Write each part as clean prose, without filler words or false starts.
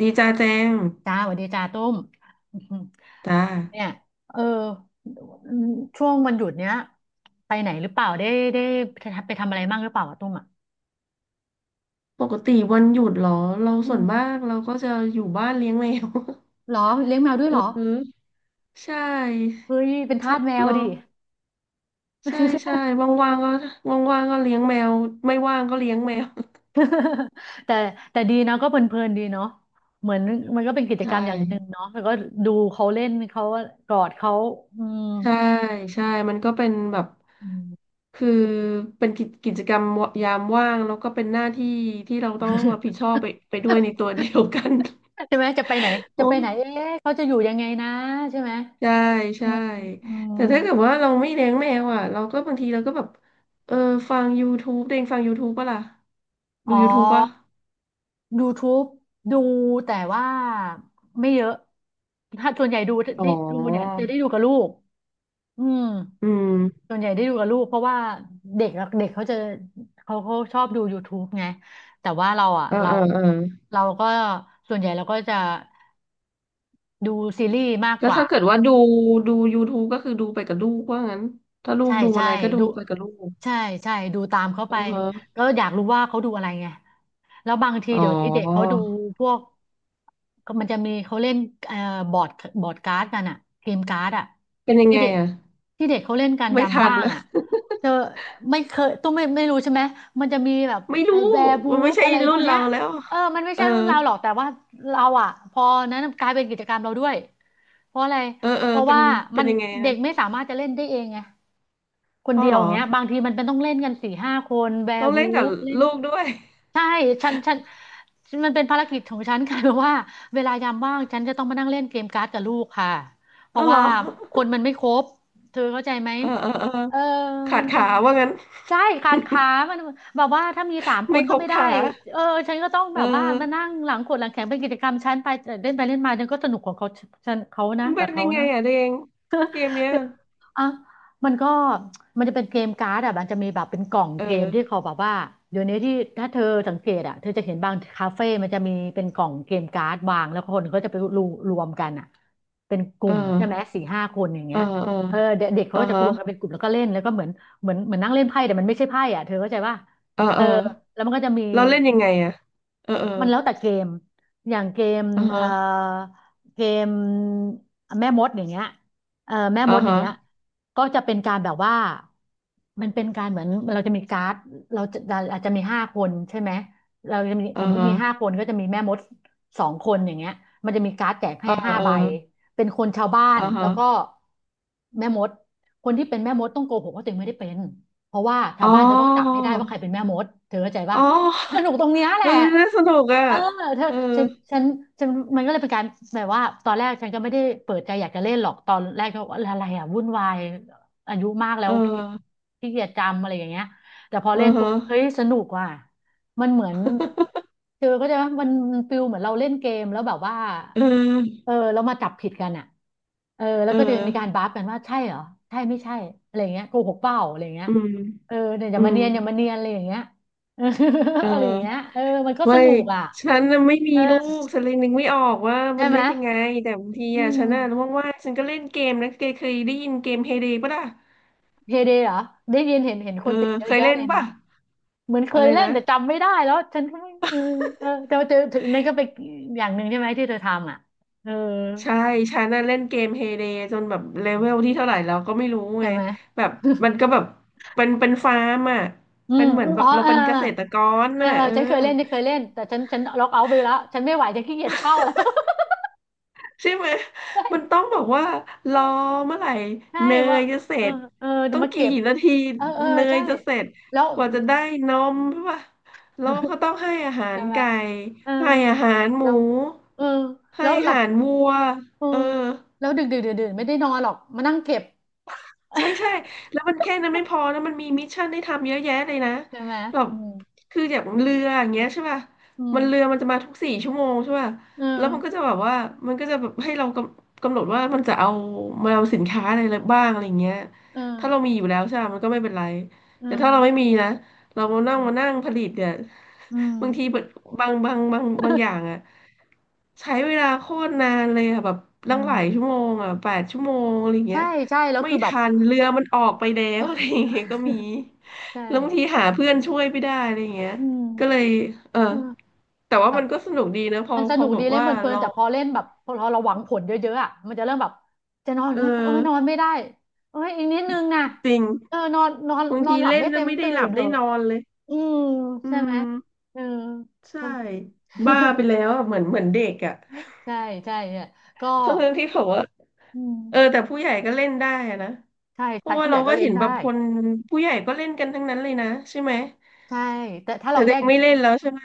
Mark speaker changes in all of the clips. Speaker 1: ดีจ้าแจง
Speaker 2: จ้าสวัสดีจ้าตุ้ม
Speaker 1: จ้า
Speaker 2: เนี่ยเออช่วงวันหยุดเนี้ยไปไหนหรือเปล่าได้ได้ไปทำอะไรบ้างหรือเปล่าอะตุ้มอ่ะ
Speaker 1: ปกติวันหยุดเหรอเรา
Speaker 2: อื
Speaker 1: ส่วนมา
Speaker 2: ม
Speaker 1: กเราก็จะอยู่บ้านเลี้ยงแมว
Speaker 2: เหรอเลี้ยงแมวด้วย
Speaker 1: เ
Speaker 2: เหรอ
Speaker 1: ออใช่
Speaker 2: เฮ้ยเป็นทา
Speaker 1: ถ้า
Speaker 2: สแมว
Speaker 1: เรา
Speaker 2: ดิ
Speaker 1: ใช่ใช่ว่างๆก็ว่างๆก็เลี้ยงแมวไม่ว่างก็เลี้ยงแมว
Speaker 2: แต่แต่ดีนะก็เพลินๆดีเนาะเหมือนมันก็เป็นกิจก
Speaker 1: ใช่
Speaker 2: รรมอย่างหนึ่งเนาะแล้วก็ดูเขาเล่นเขากอดเขาอืม
Speaker 1: ใช่ ใช่มันก็เป็นแบบ
Speaker 2: อืม
Speaker 1: คือเป็นกิจกรรมยามว่างแล้วก็เป็นหน้าที่ที่เราต้องรับผิดชอบไปด้วยในตัวเดียวกัน
Speaker 2: ใช่ไหมจะไปไหน จะ
Speaker 1: โอ้
Speaker 2: ไปไหนเอ๊ะเขาจะอยู่ยังไงนะใช่ไหม
Speaker 1: ใช่
Speaker 2: อื
Speaker 1: ใช่
Speaker 2: มอืม
Speaker 1: แต่ถ้าเกิดว่าเราไม่เลี้ยงแมวอ่ะเราก็บางทีเราก็แบบเออฟัง YouTube เด้งฟัง YouTube ปะล่ะดู
Speaker 2: อ๋อ
Speaker 1: YouTube ป่ะ
Speaker 2: YouTube ดูแต่ว่าไม่เยอะถ้าส่วนใหญ่ดู
Speaker 1: อ๋อ
Speaker 2: ได้ดูเนี่ยจะได้ดูกับลูกอืม
Speaker 1: อืม
Speaker 2: ส่วนใหญ่ได้ดูกับลูกเพราะว่าเด็กอะเด็กเขาจะเขาชอบดู YouTube ไงแต่ว่าเราอ่ะ
Speaker 1: เออ
Speaker 2: เรา
Speaker 1: เออเออ
Speaker 2: เราก็ส่วนใหญ่เราก็จะดูซีรีส์มาก
Speaker 1: ก็
Speaker 2: กว่า
Speaker 1: ถ้าเกิดว่าดู YouTube ก็คือดูไปกับลูกว่างั้นถ้าลูก
Speaker 2: ใช่
Speaker 1: ดู
Speaker 2: ใช่
Speaker 1: อะไรก็ดู
Speaker 2: ดู
Speaker 1: ไปกับลูก
Speaker 2: ใช่ใช่ดูตามเขา
Speaker 1: อื
Speaker 2: ไป
Speaker 1: อฮะ
Speaker 2: ก็อยากรู้ว่าเขาดูอะไรไงแล้วบางที
Speaker 1: อ๋อ
Speaker 2: เดี๋ยวนี้เด็กเขาดูพวกก็มันจะมีเขาเล่นเอ่อบอร์ดบอร์ดการ์ดกันอะเกมการ์ดอะ
Speaker 1: เป็นยัง
Speaker 2: ที่
Speaker 1: ไง
Speaker 2: เด็ก
Speaker 1: อ่ะ
Speaker 2: ที่เด็กเขาเล่นกัน
Speaker 1: ไม่
Speaker 2: ยาม
Speaker 1: ทัน
Speaker 2: ว่าง
Speaker 1: ละ
Speaker 2: อะเธอไม่เคยต้องไม่รู้ใช่ไหมมันจะมีแบบ
Speaker 1: ไม่
Speaker 2: ไอ้
Speaker 1: รู้
Speaker 2: แบร์บู
Speaker 1: มันไม่
Speaker 2: ฟ
Speaker 1: ใช่
Speaker 2: อะไรพ
Speaker 1: รุ่
Speaker 2: วก
Speaker 1: น
Speaker 2: เนี้
Speaker 1: เรา
Speaker 2: ย
Speaker 1: แล้ว
Speaker 2: เออมันไม่
Speaker 1: เออ
Speaker 2: ใช่รุ่นเราหรอกแต่ว่าเราอะพอนั้นกลายเป็นกิจกรรมเราด้วยเพราะอะไร
Speaker 1: เออเออ
Speaker 2: เพราะ
Speaker 1: เป็น
Speaker 2: ว่า
Speaker 1: เป็
Speaker 2: มั
Speaker 1: น
Speaker 2: น
Speaker 1: ยังไง
Speaker 2: เด็
Speaker 1: นะ
Speaker 2: กไม่สามารถจะเล่นได้เองไง คน
Speaker 1: พ่อ
Speaker 2: เดีย
Speaker 1: เห
Speaker 2: ว
Speaker 1: ร
Speaker 2: อ
Speaker 1: อ
Speaker 2: ย่างเงี้ยบางทีมันเป็นต้องเล่นกันสี่ห้าคนแว
Speaker 1: ต้
Speaker 2: ร์
Speaker 1: อง
Speaker 2: วู
Speaker 1: เล่นกับ
Speaker 2: ฟเล่น
Speaker 1: ลูกด้วย
Speaker 2: ใช่ฉันมันเป็นภารกิจของฉันค่ะ เพราะว่าเวลายามว่างฉันจะต้องมานั่งเล่นเกมการ์ดกับลูกค่ะเพ
Speaker 1: อ๋อ
Speaker 2: ราะ
Speaker 1: เหร
Speaker 2: ว่า
Speaker 1: อ
Speaker 2: คนมันไม่ครบเธอเข้าใจไหม
Speaker 1: เออเออเออ
Speaker 2: เออ
Speaker 1: ขา
Speaker 2: มั
Speaker 1: ด
Speaker 2: นเป็
Speaker 1: ขา
Speaker 2: น
Speaker 1: ว่างั้น
Speaker 2: ใช่ขาดขา มันแบบว่าถ้ามีสามค
Speaker 1: ไม่
Speaker 2: น
Speaker 1: ค
Speaker 2: ก็
Speaker 1: รบ
Speaker 2: ไม่ได้
Speaker 1: ขา
Speaker 2: เออฉันก็ต้อง
Speaker 1: เอ
Speaker 2: แบบว่ามา
Speaker 1: อ
Speaker 2: นั่งหลังขดหลังแข็งเป็นกิจกรรมฉันไปเล่นไปเล่นมาฉันก็สนุกของเขาฉันเขานะ
Speaker 1: มัน
Speaker 2: กั
Speaker 1: เป็
Speaker 2: บ
Speaker 1: น
Speaker 2: เขา
Speaker 1: ยังไง
Speaker 2: นะ
Speaker 1: อ่ะเดงเกมเนี้ย
Speaker 2: เดี๋ยวอ่ะมันก็มันจะเป็นเกมการ์ดอ่ะมันจะมีแบบเป็นกล่อง
Speaker 1: เ
Speaker 2: เกมที่
Speaker 1: ออ
Speaker 2: เขาแบบว่าเดี๋ยวนี้ที่ถ้าเธอสังเกตอ่ะเธอจะเห็นบางคาเฟ่มันจะมีเป็นกล่องเกมการ์ดวางแล้วคนก็จะไปรวมกันอ่ะเป็นก
Speaker 1: เอ
Speaker 2: ลุ่
Speaker 1: อ
Speaker 2: มใช่ไหมสี่ห้าคนอย่าง
Speaker 1: เอ
Speaker 2: เงี้
Speaker 1: อ
Speaker 2: ย
Speaker 1: เออ
Speaker 2: เออเด็กเด็กเขา
Speaker 1: อ่า
Speaker 2: ก็จะ
Speaker 1: ฮะ
Speaker 2: รวมกันเป็นกลุ่มแล้วก็เล่นแล้วก็เหมือนเหมือนนั่งเล่นไพ่แต่มันไม่ใช่ไพ่อ่ะเธอเข้าใจป่ะ
Speaker 1: เออ
Speaker 2: เอ
Speaker 1: เอ
Speaker 2: อ
Speaker 1: อ
Speaker 2: แล้วมันก็จะมี
Speaker 1: เราเล่นยังไงอ่ะเออเออ
Speaker 2: มันแล้วแต่เกมอย่างเกม
Speaker 1: อ่า
Speaker 2: เอ่อ
Speaker 1: ฮะ
Speaker 2: เกมแม่มดอย่างเงี้ยแม่
Speaker 1: อ่า
Speaker 2: มดอย่าง
Speaker 1: ฮะ
Speaker 2: เงี้ยก็จะเป็นการแบบว่ามันเป็นการเหมือนเราจะมีการ์ดเราจะอาจจะมีห้าคนใช่ไหมเราจะมีส
Speaker 1: อ่า
Speaker 2: มมติ
Speaker 1: ฮะ
Speaker 2: มีห้าคนก็จะมีแม่มดสองคนอย่างเงี้ยมันจะมีการ์ดแจก
Speaker 1: เอ
Speaker 2: ให้
Speaker 1: อ
Speaker 2: ห้า
Speaker 1: เออ
Speaker 2: ใบเป็นคนชาวบ้าน
Speaker 1: อ่า
Speaker 2: แล้
Speaker 1: ฮะ
Speaker 2: วก็แม่มดคนที่เป็นแม่มดต้องโกหกว่าตัวเองไม่ได้เป็นเพราะว่าชา
Speaker 1: อ๋
Speaker 2: วบ้านจะต้องจับ
Speaker 1: อ
Speaker 2: ให้ได้ว่าใครเป็นแม่มดเธอเข้าใจป่ะ
Speaker 1: อ๋อ
Speaker 2: มันสนุกตรงเนี้ยแห
Speaker 1: เอ
Speaker 2: ละ
Speaker 1: อน่าสนุกอ่ะ
Speaker 2: เออเธอ
Speaker 1: เออ
Speaker 2: ฉันฉันฉันมันก็เลยเป็นการแบบว่าตอนแรกฉันก็ไม่ได้เปิดใจอยากจะเล่นหรอก ตอนแรกก็ว่าอะไรอ่ะวุ่นวายอายุมากแล้
Speaker 1: เอ
Speaker 2: ว
Speaker 1: อ
Speaker 2: ขี้ขีเกียจจำอะไรอย่างเงี้ยแต่พอ
Speaker 1: เออ
Speaker 2: เล่นปุ๊
Speaker 1: ฮะ
Speaker 2: บเฮ้ยสนุกว่ะมันเหมือนเธอเข้าใจไหมมันฟิลเหมือนเราเล่นเกมแล้วแบบว่า
Speaker 1: เออ
Speaker 2: เออแล้วมาจับผิดกันอ่ะเออแล้ว
Speaker 1: เออ
Speaker 2: ก็จะมีการบัฟกันว่าใช่เหรอใช่ไม่ใช่อะไรอย่างเงี้ยโกหกเปล่าอะไรอย่างเงี้ย
Speaker 1: อืม
Speaker 2: เออเนี่ยอ
Speaker 1: อื
Speaker 2: ย่ามา
Speaker 1: ม
Speaker 2: เนียนอย่ามาเนียนอะไรอย่างเงี้ย เออ
Speaker 1: เอ
Speaker 2: อะไรอย่างเงี้ย
Speaker 1: อ
Speaker 2: เออมันก็ส
Speaker 1: ไม่
Speaker 2: นุกอ่ะ
Speaker 1: ฉันน่ะไม่มี
Speaker 2: เออ
Speaker 1: ลูกฉันเลยนึกไม่ออกว่า
Speaker 2: ใช่
Speaker 1: มัน
Speaker 2: ไหม
Speaker 1: เล่นยังไงแต่บางที
Speaker 2: อื
Speaker 1: อ่ะฉันน่ะ
Speaker 2: ม
Speaker 1: ว่างๆฉันก็เล่นเกมนะเคยได้ยินเกมเฮเดป่ะล่ะ
Speaker 2: เฮเดเหรอได้ยินเห็นเห็นค
Speaker 1: เอ
Speaker 2: นติ
Speaker 1: อ
Speaker 2: ดเย
Speaker 1: เค
Speaker 2: อะ
Speaker 1: ย
Speaker 2: แยะ
Speaker 1: เล่น
Speaker 2: เลยนะ
Speaker 1: ป่ะ
Speaker 2: เหมือนเค
Speaker 1: อะ
Speaker 2: ย
Speaker 1: ไร
Speaker 2: เล่น
Speaker 1: นะ
Speaker 2: แต่จำไม่ได้แล้วฉันก็ไม่เออแต่ว่าเจอถึงนั่นก็เป็นอย่างหนึ่งใช่ไหมที่เธอทำอ่ะเออ
Speaker 1: ใช่ฉันน่ะเล่นเกมเฮเดจนแบบเลเวลที่เท่าไหร่เราก็ไม่รู้
Speaker 2: ใช่
Speaker 1: ไง
Speaker 2: ไหม
Speaker 1: แบบมันก็แบบเป็นฟาร์มอ่ะ
Speaker 2: อื
Speaker 1: เป็น
Speaker 2: ม
Speaker 1: เหมื
Speaker 2: อ
Speaker 1: อน
Speaker 2: ม
Speaker 1: แบ
Speaker 2: อ๋อ
Speaker 1: บเรา
Speaker 2: เออ
Speaker 1: เป็นเกษตรกร
Speaker 2: เออ
Speaker 1: น่ะ
Speaker 2: เออ
Speaker 1: เออ
Speaker 2: ฉันเคยเล่นฉันเคยเล่นแต่ฉันล็อกเอาท์ไปแล้วฉันไม่ไหวฉันขี้เกียจเฝ้าแล้ว
Speaker 1: ใช่ไหม
Speaker 2: ใช่
Speaker 1: มันต้องบอกว่าร
Speaker 2: เอ
Speaker 1: อ
Speaker 2: อ
Speaker 1: เมื่อไหร่
Speaker 2: ใช่
Speaker 1: เน
Speaker 2: ว่า
Speaker 1: ยจะเส
Speaker 2: เอ
Speaker 1: ร็
Speaker 2: อ
Speaker 1: จ
Speaker 2: เออเดี๋
Speaker 1: ต้
Speaker 2: ยว
Speaker 1: อง
Speaker 2: มา
Speaker 1: กี่
Speaker 2: เก็บ
Speaker 1: นาที
Speaker 2: เออเออ
Speaker 1: เนย
Speaker 2: ใช่
Speaker 1: จะเสร็จ
Speaker 2: แล้ว
Speaker 1: กว่าจะได้นมใช่ปะแล้วก็ ต้องให้อาหา
Speaker 2: ใช่
Speaker 1: ร
Speaker 2: ไหม
Speaker 1: ไก่
Speaker 2: เออ
Speaker 1: ให้อาหารหมู
Speaker 2: แล้วเออแล้
Speaker 1: ให้
Speaker 2: ว
Speaker 1: อา
Speaker 2: หลับ
Speaker 1: หารวัว
Speaker 2: เออ
Speaker 1: เออ
Speaker 2: แล้วดึกดึกดื่นดื่นไม่ได้นอนหรอกมานั่งเก็บ
Speaker 1: ใช่ใช่แล้วมันแค่นั้นไม่พอแล้วมันมีมิชชั่นให้ทำเยอะแยะเลยนะ
Speaker 2: ใช่ไหม
Speaker 1: แบบ
Speaker 2: อืม
Speaker 1: คืออย่างเรืออ
Speaker 2: อื
Speaker 1: ย่าง
Speaker 2: ม
Speaker 1: เงี้ยใช่ป่ะ
Speaker 2: อืม
Speaker 1: มันเรือมันจะมาทุกสี่ชั่วโมงใช่ป่ะ
Speaker 2: เออ
Speaker 1: แล้วมันก็จะแบบว่ามันก็จะแบบให้เรากำหนดว่ามันจะเอามาเอาสินค้าอะไรบ้างอะไรเงี้ย
Speaker 2: เออ
Speaker 1: ถ้าเรามีอยู่แล้วใช่ปะมันก็ไม่เป็นไร
Speaker 2: เอื
Speaker 1: แต่
Speaker 2: ม
Speaker 1: ถ้าเราไม่มีนะเรามา
Speaker 2: อื
Speaker 1: นั่ง
Speaker 2: ม
Speaker 1: มานั่งผลิตเนี่ย
Speaker 2: อืม
Speaker 1: บางทีแบบบางอย่างอะใช้เวลาโคตรนานเลยอะแบบ
Speaker 2: อื
Speaker 1: ตั้งหลาย
Speaker 2: ม
Speaker 1: ชั่วโมงอะแปดชั่วโมงอะไร
Speaker 2: ใช่
Speaker 1: เงี้ย
Speaker 2: ใช่แล้ว
Speaker 1: ไม่
Speaker 2: คือแบบ
Speaker 1: ทันเรือมันออกไปแล้ว อะไรอย่างเงี้ยก็มี
Speaker 2: ใช่
Speaker 1: แล้วบางทีหาเพื่อนช่วยไม่ได้อะไรอย่างเงี้ย
Speaker 2: อื
Speaker 1: ก็เล
Speaker 2: ม
Speaker 1: ยเออ
Speaker 2: เออ
Speaker 1: แต่ว่ามันก็สนุกดีนะพอ
Speaker 2: มันส
Speaker 1: พอ
Speaker 2: นุก
Speaker 1: แบ
Speaker 2: ดี
Speaker 1: บ
Speaker 2: เล่น
Speaker 1: ว่า
Speaker 2: เพลิน
Speaker 1: เรา
Speaker 2: ๆแต่พอเล่นแบบพอเราหวังผลเยอะๆอ่ะมันจะเริ่มแบบจะนอน
Speaker 1: เออ
Speaker 2: ก็โอ้ยนอนไม่ได้โอ้ยอีกนิดนึงนะ
Speaker 1: จริง
Speaker 2: เออนอนนอน
Speaker 1: บาง
Speaker 2: นอ
Speaker 1: ที
Speaker 2: นหลับ
Speaker 1: เล่น
Speaker 2: ไม่
Speaker 1: แล้
Speaker 2: เต็
Speaker 1: ว
Speaker 2: ม
Speaker 1: ไม่ได้
Speaker 2: ตื่
Speaker 1: หลั
Speaker 2: น
Speaker 1: บ
Speaker 2: เถ
Speaker 1: ได้
Speaker 2: อะ
Speaker 1: นอนเลย
Speaker 2: อืม
Speaker 1: อื
Speaker 2: ใช่ไหม
Speaker 1: ม
Speaker 2: เออ
Speaker 1: ใช่
Speaker 2: แล้ว
Speaker 1: บ้าไปแล้วอะเหมือนเหมือนเด็กอ่ะ
Speaker 2: ใช่ใช่เนี่ยก็
Speaker 1: ทั้งทงที่ผมว่า
Speaker 2: อื
Speaker 1: เออ
Speaker 2: ม
Speaker 1: แต่ผู้ใหญ่ก็เล่นได้อะนะ
Speaker 2: ใช่
Speaker 1: เพ
Speaker 2: ใคร
Speaker 1: ราะว่า
Speaker 2: ผู้ให
Speaker 1: เรา
Speaker 2: ญ่ก็
Speaker 1: ก็
Speaker 2: เล่
Speaker 1: เห็
Speaker 2: น
Speaker 1: นแบบ
Speaker 2: ได้
Speaker 1: คนผู้ใหญ่ก็เล่นกันทั้งนั้นเลยนะใช่ไหม
Speaker 2: ใช่แต่ถ้า
Speaker 1: แต่
Speaker 2: เราแย
Speaker 1: เด็ก
Speaker 2: ก
Speaker 1: ไม่เล่นแล้วใช่ไหม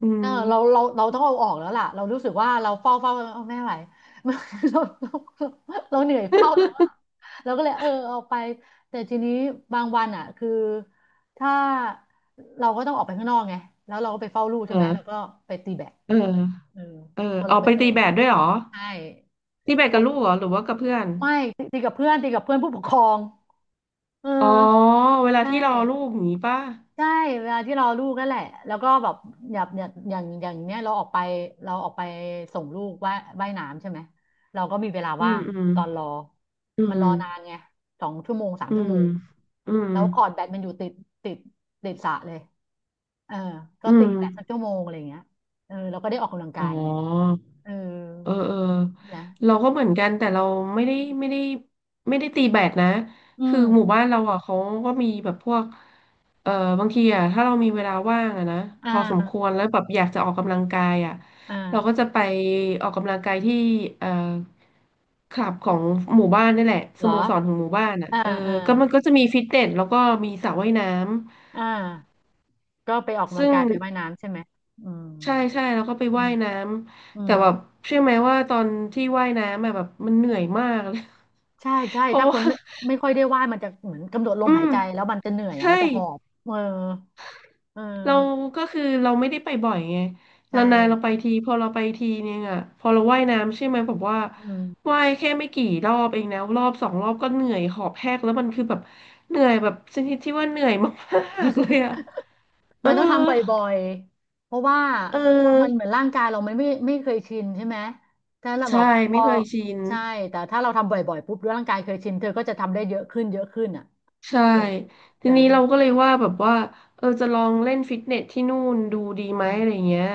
Speaker 1: อื
Speaker 2: เอ
Speaker 1: ม
Speaker 2: อเราต้องเอาออกแล้วล่ะเรารู้สึกว่าเราเฝ้าเอาไม่ไหว เราเราเราเหนื่อยเฝ้าแล้วอ่ะ เราก็เลยเออเอาไปแต่ทีนี้บางวันอ่ะคือถ้าเราก็ต้องออกไปข้างนอกไงแล้วเราก็ไปเฝ้าลูกใช่ไหมเรา
Speaker 1: เออ
Speaker 2: ก็ไปตีแบด
Speaker 1: เออ
Speaker 2: เออ
Speaker 1: เออ
Speaker 2: พอ
Speaker 1: อ
Speaker 2: เรา
Speaker 1: อก
Speaker 2: ไป
Speaker 1: ไป
Speaker 2: เฝ้า
Speaker 1: ตี
Speaker 2: ลู
Speaker 1: แบ
Speaker 2: ก
Speaker 1: ดด้วยเหรอ
Speaker 2: ใช่
Speaker 1: ตีแบด
Speaker 2: เพ
Speaker 1: กับ
Speaker 2: ราะ
Speaker 1: ลูกเหรอ หรือว่ากับเพื่อน
Speaker 2: ไม่ตีกับเพื่อนตีกับเพื่อนผู้ปกครองเออ
Speaker 1: อ๋อ เวลา
Speaker 2: ใช
Speaker 1: ที่รอลู
Speaker 2: ่
Speaker 1: กอย่างนี้ป่ะ
Speaker 2: ใช่เวลาที่เรอลูกนั่นแหละแล้วก็แบบอย่างเนี้ยเราออกไปส่งลูกว่ายน้ำใช่ไหมเราก็มีเวลา
Speaker 1: อื
Speaker 2: ว่า
Speaker 1: ม
Speaker 2: ง
Speaker 1: อืม
Speaker 2: ตอนรอ
Speaker 1: อื
Speaker 2: มัน
Speaker 1: ม
Speaker 2: รอนานไง2 ชั่วโมงสาม
Speaker 1: อื
Speaker 2: ชั่ว
Speaker 1: ม
Speaker 2: โมง
Speaker 1: อืม
Speaker 2: แล้วคอร์ตแบดมันอยู่ติดติดติดสระเลยเออก็
Speaker 1: อื
Speaker 2: ตี
Speaker 1: ม
Speaker 2: แบดสักชั่วโมงอะไรอย่างเงี้ยเออเราก็ได้ออกกำลัง
Speaker 1: อ๋
Speaker 2: กา
Speaker 1: อ
Speaker 2: ยไงเออ
Speaker 1: เออเออ
Speaker 2: นะ
Speaker 1: เราก็เหมือนกันแต่เราไม่ได้ไม่ได้ไม่ได้ตีแบดนะ
Speaker 2: อื
Speaker 1: คื
Speaker 2: ม
Speaker 1: อหมู่บ้านเราอ่ะเขาก็มีแบบพวกเออบางทีอ่ะถ้าเรามีเวลาว่างอ่ะนะ
Speaker 2: อ่
Speaker 1: พอสมค
Speaker 2: า
Speaker 1: วรแล้วแบบอยากจะออกกำลังกายอ่ะ
Speaker 2: อ่
Speaker 1: เราก็
Speaker 2: า
Speaker 1: จะไปออกกำลังกายที่เอ่อคลับของหมู่บ้านนี่แหละส
Speaker 2: เหร
Speaker 1: โม
Speaker 2: อ
Speaker 1: สรของหมู่บ้านอ่ะ
Speaker 2: อ่า
Speaker 1: เออ
Speaker 2: อ่า
Speaker 1: ก็มันก็จะมีฟิตเนสแล้วก็มีสระว่ายน้
Speaker 2: อ่าก็ไปออก
Speaker 1: ำ
Speaker 2: กำลัง
Speaker 1: ซึ่ง
Speaker 2: กายไปว่ายน้ำใช่ไหมอืม
Speaker 1: ใช่ใช่แล้วก็ไป
Speaker 2: อื
Speaker 1: ว่า
Speaker 2: ม
Speaker 1: ยน้
Speaker 2: อื
Speaker 1: ำแต่
Speaker 2: ม
Speaker 1: แบบเชื่อไหมว่าตอนที่ว่ายน้ำอะแบบมันเหนื่อยมากเลย
Speaker 2: ใช่ใช่
Speaker 1: เพราะ
Speaker 2: ถ้าค
Speaker 1: ว่า
Speaker 2: นไม่ค่อยได้ว่ายมันจะเหมือนกำหนดล
Speaker 1: อื
Speaker 2: มหาย
Speaker 1: ม
Speaker 2: ใจแล้วมันจะเหนื่อยอ่ะ
Speaker 1: ใช่
Speaker 2: มันจะหอบเออเอ
Speaker 1: เรา
Speaker 2: อ
Speaker 1: ก็คือเราไม่ได้ไปบ่อยไง
Speaker 2: ใช่
Speaker 1: เรานานๆเราไปทีพอเราไปทีนึงอ่ะพอเราว่ายน้ำใช่ไหมแบบว่า
Speaker 2: อืม
Speaker 1: ว่ายแค่ไม่กี่รอบเองนะรอบสองรอบก็เหนื่อยหอบแหกแล้วมันคือแบบเหนื่อยแบบชนิดที่ว่าเหนื่อยมากๆเลยอ่ะ เออ
Speaker 2: มันต้องทำบ่อยๆเพราะว่า
Speaker 1: เอ
Speaker 2: มันเห
Speaker 1: อ
Speaker 2: มือนร่างกายเรามันไม่เคยชินใช่ไหมถ้าเราแบอก
Speaker 1: ใช่
Speaker 2: พ
Speaker 1: ไม่
Speaker 2: อ
Speaker 1: เคยชิน
Speaker 2: ใช่แต่ถ้าเราทำบ่อยๆปุ๊บร่างกายเคยชินเธอก็จะทำได้เยอะขึ้นเยอะขึ้นอ่ะ
Speaker 1: ใช่
Speaker 2: แหละ
Speaker 1: ที
Speaker 2: จ้ะ
Speaker 1: นี้เราก็เลยว่า
Speaker 2: อื
Speaker 1: แบบ
Speaker 2: ม
Speaker 1: ว่าเออจะลองเล่นฟิตเนสที่นู่นดูดี
Speaker 2: อื
Speaker 1: ไหม
Speaker 2: ม
Speaker 1: อะไรเงี้ย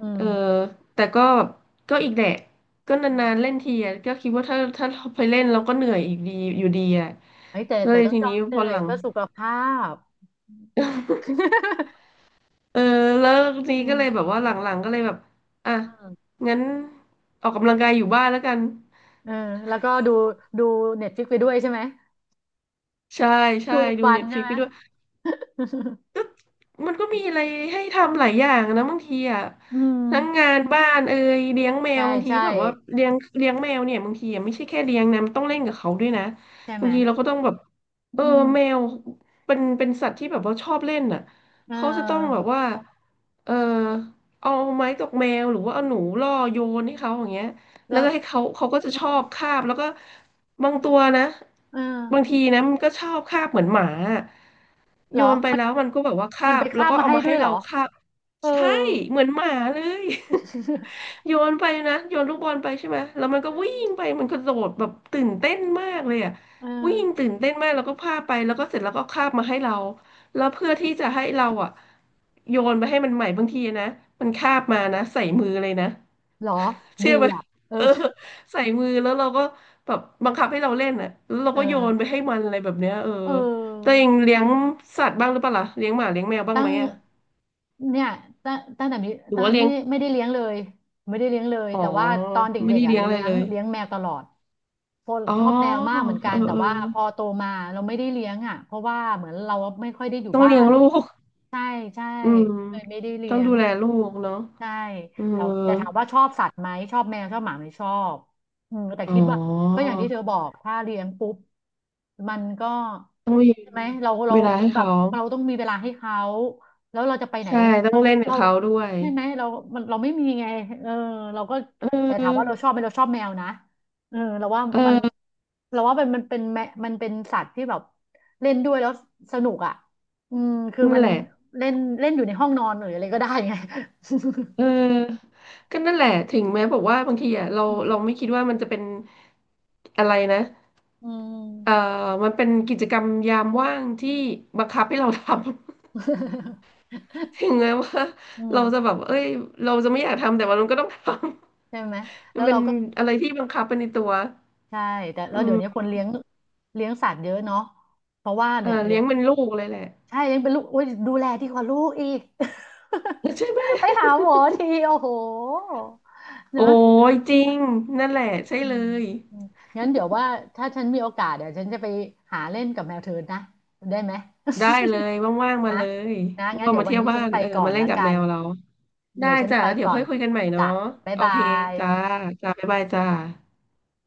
Speaker 2: อื
Speaker 1: เอ
Speaker 2: ม
Speaker 1: อแต่ก็ก็อีกแหละก็
Speaker 2: อื
Speaker 1: นานๆเล่
Speaker 2: ม
Speaker 1: นทีอะก็คิดว่าถ้าเราไปเล่นเราก็เหนื่อยอีกดีอยู่ดีอ่ะ
Speaker 2: เฮ้ยแต่
Speaker 1: ก็
Speaker 2: แต่
Speaker 1: เลย
Speaker 2: ต้อง
Speaker 1: ที
Speaker 2: ยอ
Speaker 1: นี้
Speaker 2: มเห
Speaker 1: พ
Speaker 2: นื่
Speaker 1: อ
Speaker 2: อ
Speaker 1: ห
Speaker 2: ย
Speaker 1: ลัง
Speaker 2: เพื่อสุขภาพ
Speaker 1: เออแล้วที
Speaker 2: อื
Speaker 1: นี้ก็
Speaker 2: ม
Speaker 1: เลยแบบว่าหลังๆก็เลยแบบอ่ะงั้นออกกำลังกายอยู่บ้านแล้วกัน
Speaker 2: เออแล้วก็ดูดูเน็ตฟิกไปด้วยใช่ไหม
Speaker 1: ใช่ใช่
Speaker 2: ดูอิน
Speaker 1: ดู
Speaker 2: วัน
Speaker 1: เน็ตฟ
Speaker 2: ใช่
Speaker 1: ลิก
Speaker 2: ไหม
Speaker 1: ไปด้วย มันก็มีอะไรให้ทำหลายอย่างนะบางทีอ่ะ
Speaker 2: อืม
Speaker 1: ทั้งงานบ้านเอ่ยเลี้ยงแมว
Speaker 2: ใช่
Speaker 1: บางที
Speaker 2: ใช่
Speaker 1: แบบว่าเลี้ยงแมวเนี่ยบางทีอะไม่ใช่แค่เลี้ยงนะมันต้องเล่นกับเขาด้วยนะ
Speaker 2: ใช่ไห
Speaker 1: บา
Speaker 2: ม
Speaker 1: งทีเราก็ต้องแบบเออ
Speaker 2: อืม
Speaker 1: แมวเป็นสัตว์ที่แบบว่าชอบเล่นอ่ะ
Speaker 2: เ
Speaker 1: เขาจะต้องแบ
Speaker 2: ออ
Speaker 1: บว่าเออเอาไม้ตกแมวหรือว่าเอาหนูล่อโยนให้เขาอย่างเงี้ยแล้ว
Speaker 2: แล้ว
Speaker 1: ก็ให้เขาก็จะ
Speaker 2: เออ
Speaker 1: ชอบคาบแล้วก็บางตัวนะ
Speaker 2: เออ
Speaker 1: บางทีนะมันก็ชอบคาบเหมือนหมา
Speaker 2: เหร
Speaker 1: โย
Speaker 2: อ
Speaker 1: นไป
Speaker 2: มัน
Speaker 1: แล้วมันก็แบบว่าคา
Speaker 2: มันไป
Speaker 1: บแล้ว
Speaker 2: คาบ
Speaker 1: ก็
Speaker 2: มา
Speaker 1: เอา
Speaker 2: ให้
Speaker 1: มา
Speaker 2: ด้ว
Speaker 1: ให้
Speaker 2: ยเหร
Speaker 1: เรา
Speaker 2: อ
Speaker 1: คาบ
Speaker 2: เออ
Speaker 1: ใช่เหมือนหมาเลย โยนไปนะโยนลูกบอลไปใช่ไหมแล้วมันก็วิ่งไปมันกระโดดแบบตื่นเต้นมากเลยอ่ะ
Speaker 2: เออ
Speaker 1: วิ่งตื่นเต้นมากแล้วก็พาไปแล้วก็เสร็จแล้วก็คาบมาให้เราแล้วเพื่อที่จะให้เราอ่ะโยนไปให้มันใหม่บางทีนะมันคาบมานะใส่มือเลยนะ
Speaker 2: เหรอดี
Speaker 1: เชื่อไหม
Speaker 2: อ่ะเอ อ
Speaker 1: เออใส่มือแล้วเราก็แบบบังคับให้เราเล่นอ่ะแล้วเรา
Speaker 2: เอ
Speaker 1: ก็โยนไป
Speaker 2: อ
Speaker 1: ให้มันอะไรแบบเนี้ยเออ
Speaker 2: เ
Speaker 1: ตัวเอ
Speaker 2: ออ
Speaker 1: งเลี้ยงสัตว์บ้างหรือเปล่าล่ะเลี้ยงหมาเลี้ยงแมวบ้าง
Speaker 2: ตั้
Speaker 1: ไหม
Speaker 2: ง
Speaker 1: อ่ะ
Speaker 2: เนี่ยตั้งแต่มี
Speaker 1: หรือ
Speaker 2: ตั้ง
Speaker 1: ว่าเลี้
Speaker 2: ไม่
Speaker 1: ยง
Speaker 2: ได้ไม่ได้เลี้ยงเลยไม่ได้เลี้ยงเลย
Speaker 1: อ๋อ
Speaker 2: แต่ว่าตอน
Speaker 1: ไม่
Speaker 2: เด็ก
Speaker 1: ได้
Speaker 2: ๆอ่ะ
Speaker 1: เลี้ยง
Speaker 2: เลี้
Speaker 1: อะไร
Speaker 2: ย
Speaker 1: เล
Speaker 2: ง
Speaker 1: ย
Speaker 2: เลี้ยงแมวตลอดเพราะ
Speaker 1: อ๋อ
Speaker 2: ชอบแมวมากเหมือนกั
Speaker 1: เอ
Speaker 2: น
Speaker 1: อ
Speaker 2: แต่
Speaker 1: เออ
Speaker 2: ว่าพอโตมาเราไม่ได้เลี้ยงอ่ะเพราะว่าเหมือนเราไม่ค่อยได้อยู่
Speaker 1: ต้อง
Speaker 2: บ้า
Speaker 1: เลี้ยง
Speaker 2: น
Speaker 1: ลูก
Speaker 2: ใช่ใช่
Speaker 1: อืม
Speaker 2: เลยไม่ได้
Speaker 1: ต้
Speaker 2: เลี้
Speaker 1: อง
Speaker 2: ย
Speaker 1: ดู
Speaker 2: ง
Speaker 1: แลลูกเนาะ
Speaker 2: ใช่
Speaker 1: เออ
Speaker 2: แต่แต่ถามว่าชอบสัตว์ไหมชอบแมวชอบหมาไหมชอบอืมแต่
Speaker 1: อ๋อ
Speaker 2: คิดว่าก็อย่างที่เธอบอกถ้าเลี้ยงปุ๊บมันก็
Speaker 1: ต้องมี
Speaker 2: ใช่ไหมเรา
Speaker 1: เวลา
Speaker 2: เหมือ
Speaker 1: ให้
Speaker 2: นแบบ
Speaker 1: เขา
Speaker 2: เราต้องมีเวลาให้เขาแล้วเราจะไปไหน
Speaker 1: ใช่ต้อ
Speaker 2: เรา
Speaker 1: งเล่นกับ
Speaker 2: เรา
Speaker 1: เขาด้วย
Speaker 2: ใช่ไหมเรามันเราไม่มีไงเออเราก็
Speaker 1: เอ
Speaker 2: แต่ถามว่าเรา
Speaker 1: อ
Speaker 2: ชอบไหมเราชอบแมวนะเออเราว่า
Speaker 1: เอ
Speaker 2: มัน
Speaker 1: อ
Speaker 2: เราว่ามันมันเป็นแมมันเป็นสัตว์ที่แบบเล่นด้วยแล้วสนุกอ่ะอืมคือ
Speaker 1: นั่น
Speaker 2: มัน
Speaker 1: แหละ
Speaker 2: เล่นเล่นอยู่ในห้องนอนหรืออะไรก็ได้ไง
Speaker 1: เออก็นั่นแหละถึงแม้บอกว่าบางทีอ่ะเรา
Speaker 2: อื
Speaker 1: เรา
Speaker 2: ม
Speaker 1: ไม่คิดว่ามันจะเป็นอะไรนะ
Speaker 2: อื
Speaker 1: เอ
Speaker 2: ม
Speaker 1: อมันเป็นกิจกรรมยามว่างที่บังคับให้เราทำ ถึงแม้ว่า
Speaker 2: อืม
Speaker 1: เราจะแบบเอ้ยเราจะไม่อยากทำแต่ว่ามันก็ต้องทำ
Speaker 2: ใช่ไหม แล้
Speaker 1: มัน
Speaker 2: ว
Speaker 1: เป็
Speaker 2: เรา
Speaker 1: น
Speaker 2: ก็
Speaker 1: อะไรที่บังคับเป็นในตัว
Speaker 2: ใช่แต่แล้ว
Speaker 1: อื
Speaker 2: เดี๋ยว
Speaker 1: ม
Speaker 2: นี้คนเลี้ยงสัตว์เยอะเนาะเพราะว่า
Speaker 1: เออ
Speaker 2: เนี่ยเนี่
Speaker 1: เลี้
Speaker 2: ย
Speaker 1: ยงเป็นลูกเลยแหละ
Speaker 2: ใช่เลี้ยงเป็นลูกโอ้ยดูแลดีกว่าลูกอีก
Speaker 1: ใช่ไหม
Speaker 2: ไปหาหมอทีโอ้โห เน
Speaker 1: โอ้
Speaker 2: อะ
Speaker 1: ยจริงนั่นแหละใช่เลย
Speaker 2: อืมงั้นเดี๋ยวว่าถ้าฉันมีโอกาสเดี๋ยวฉันจะไปหาเล่นกับแมวเทินนะได้ไหม
Speaker 1: ได้เลยว่างๆ มา
Speaker 2: นะ
Speaker 1: เลย
Speaker 2: นะงั้น
Speaker 1: ว่างๆ
Speaker 2: เดี๋ย
Speaker 1: มา
Speaker 2: ววัน
Speaker 1: เที่ยว
Speaker 2: นี้
Speaker 1: บ้า
Speaker 2: ฉัน
Speaker 1: น
Speaker 2: ไป
Speaker 1: เออ
Speaker 2: ก่อ
Speaker 1: มา
Speaker 2: น
Speaker 1: เล่น
Speaker 2: ละ
Speaker 1: กับ
Speaker 2: กั
Speaker 1: แม
Speaker 2: น
Speaker 1: วเรา ได้
Speaker 2: เดี๋ยวฉัน
Speaker 1: จ้ะ
Speaker 2: ไป
Speaker 1: แล้วเดี๋ยว
Speaker 2: ก่อ
Speaker 1: ค่อ
Speaker 2: น
Speaker 1: ยคุยกันใหม่เนาะ
Speaker 2: จ้ะบ๊าย
Speaker 1: โอ
Speaker 2: บา
Speaker 1: เค
Speaker 2: ย
Speaker 1: จ้าจ้าบ๊ายบายจ้า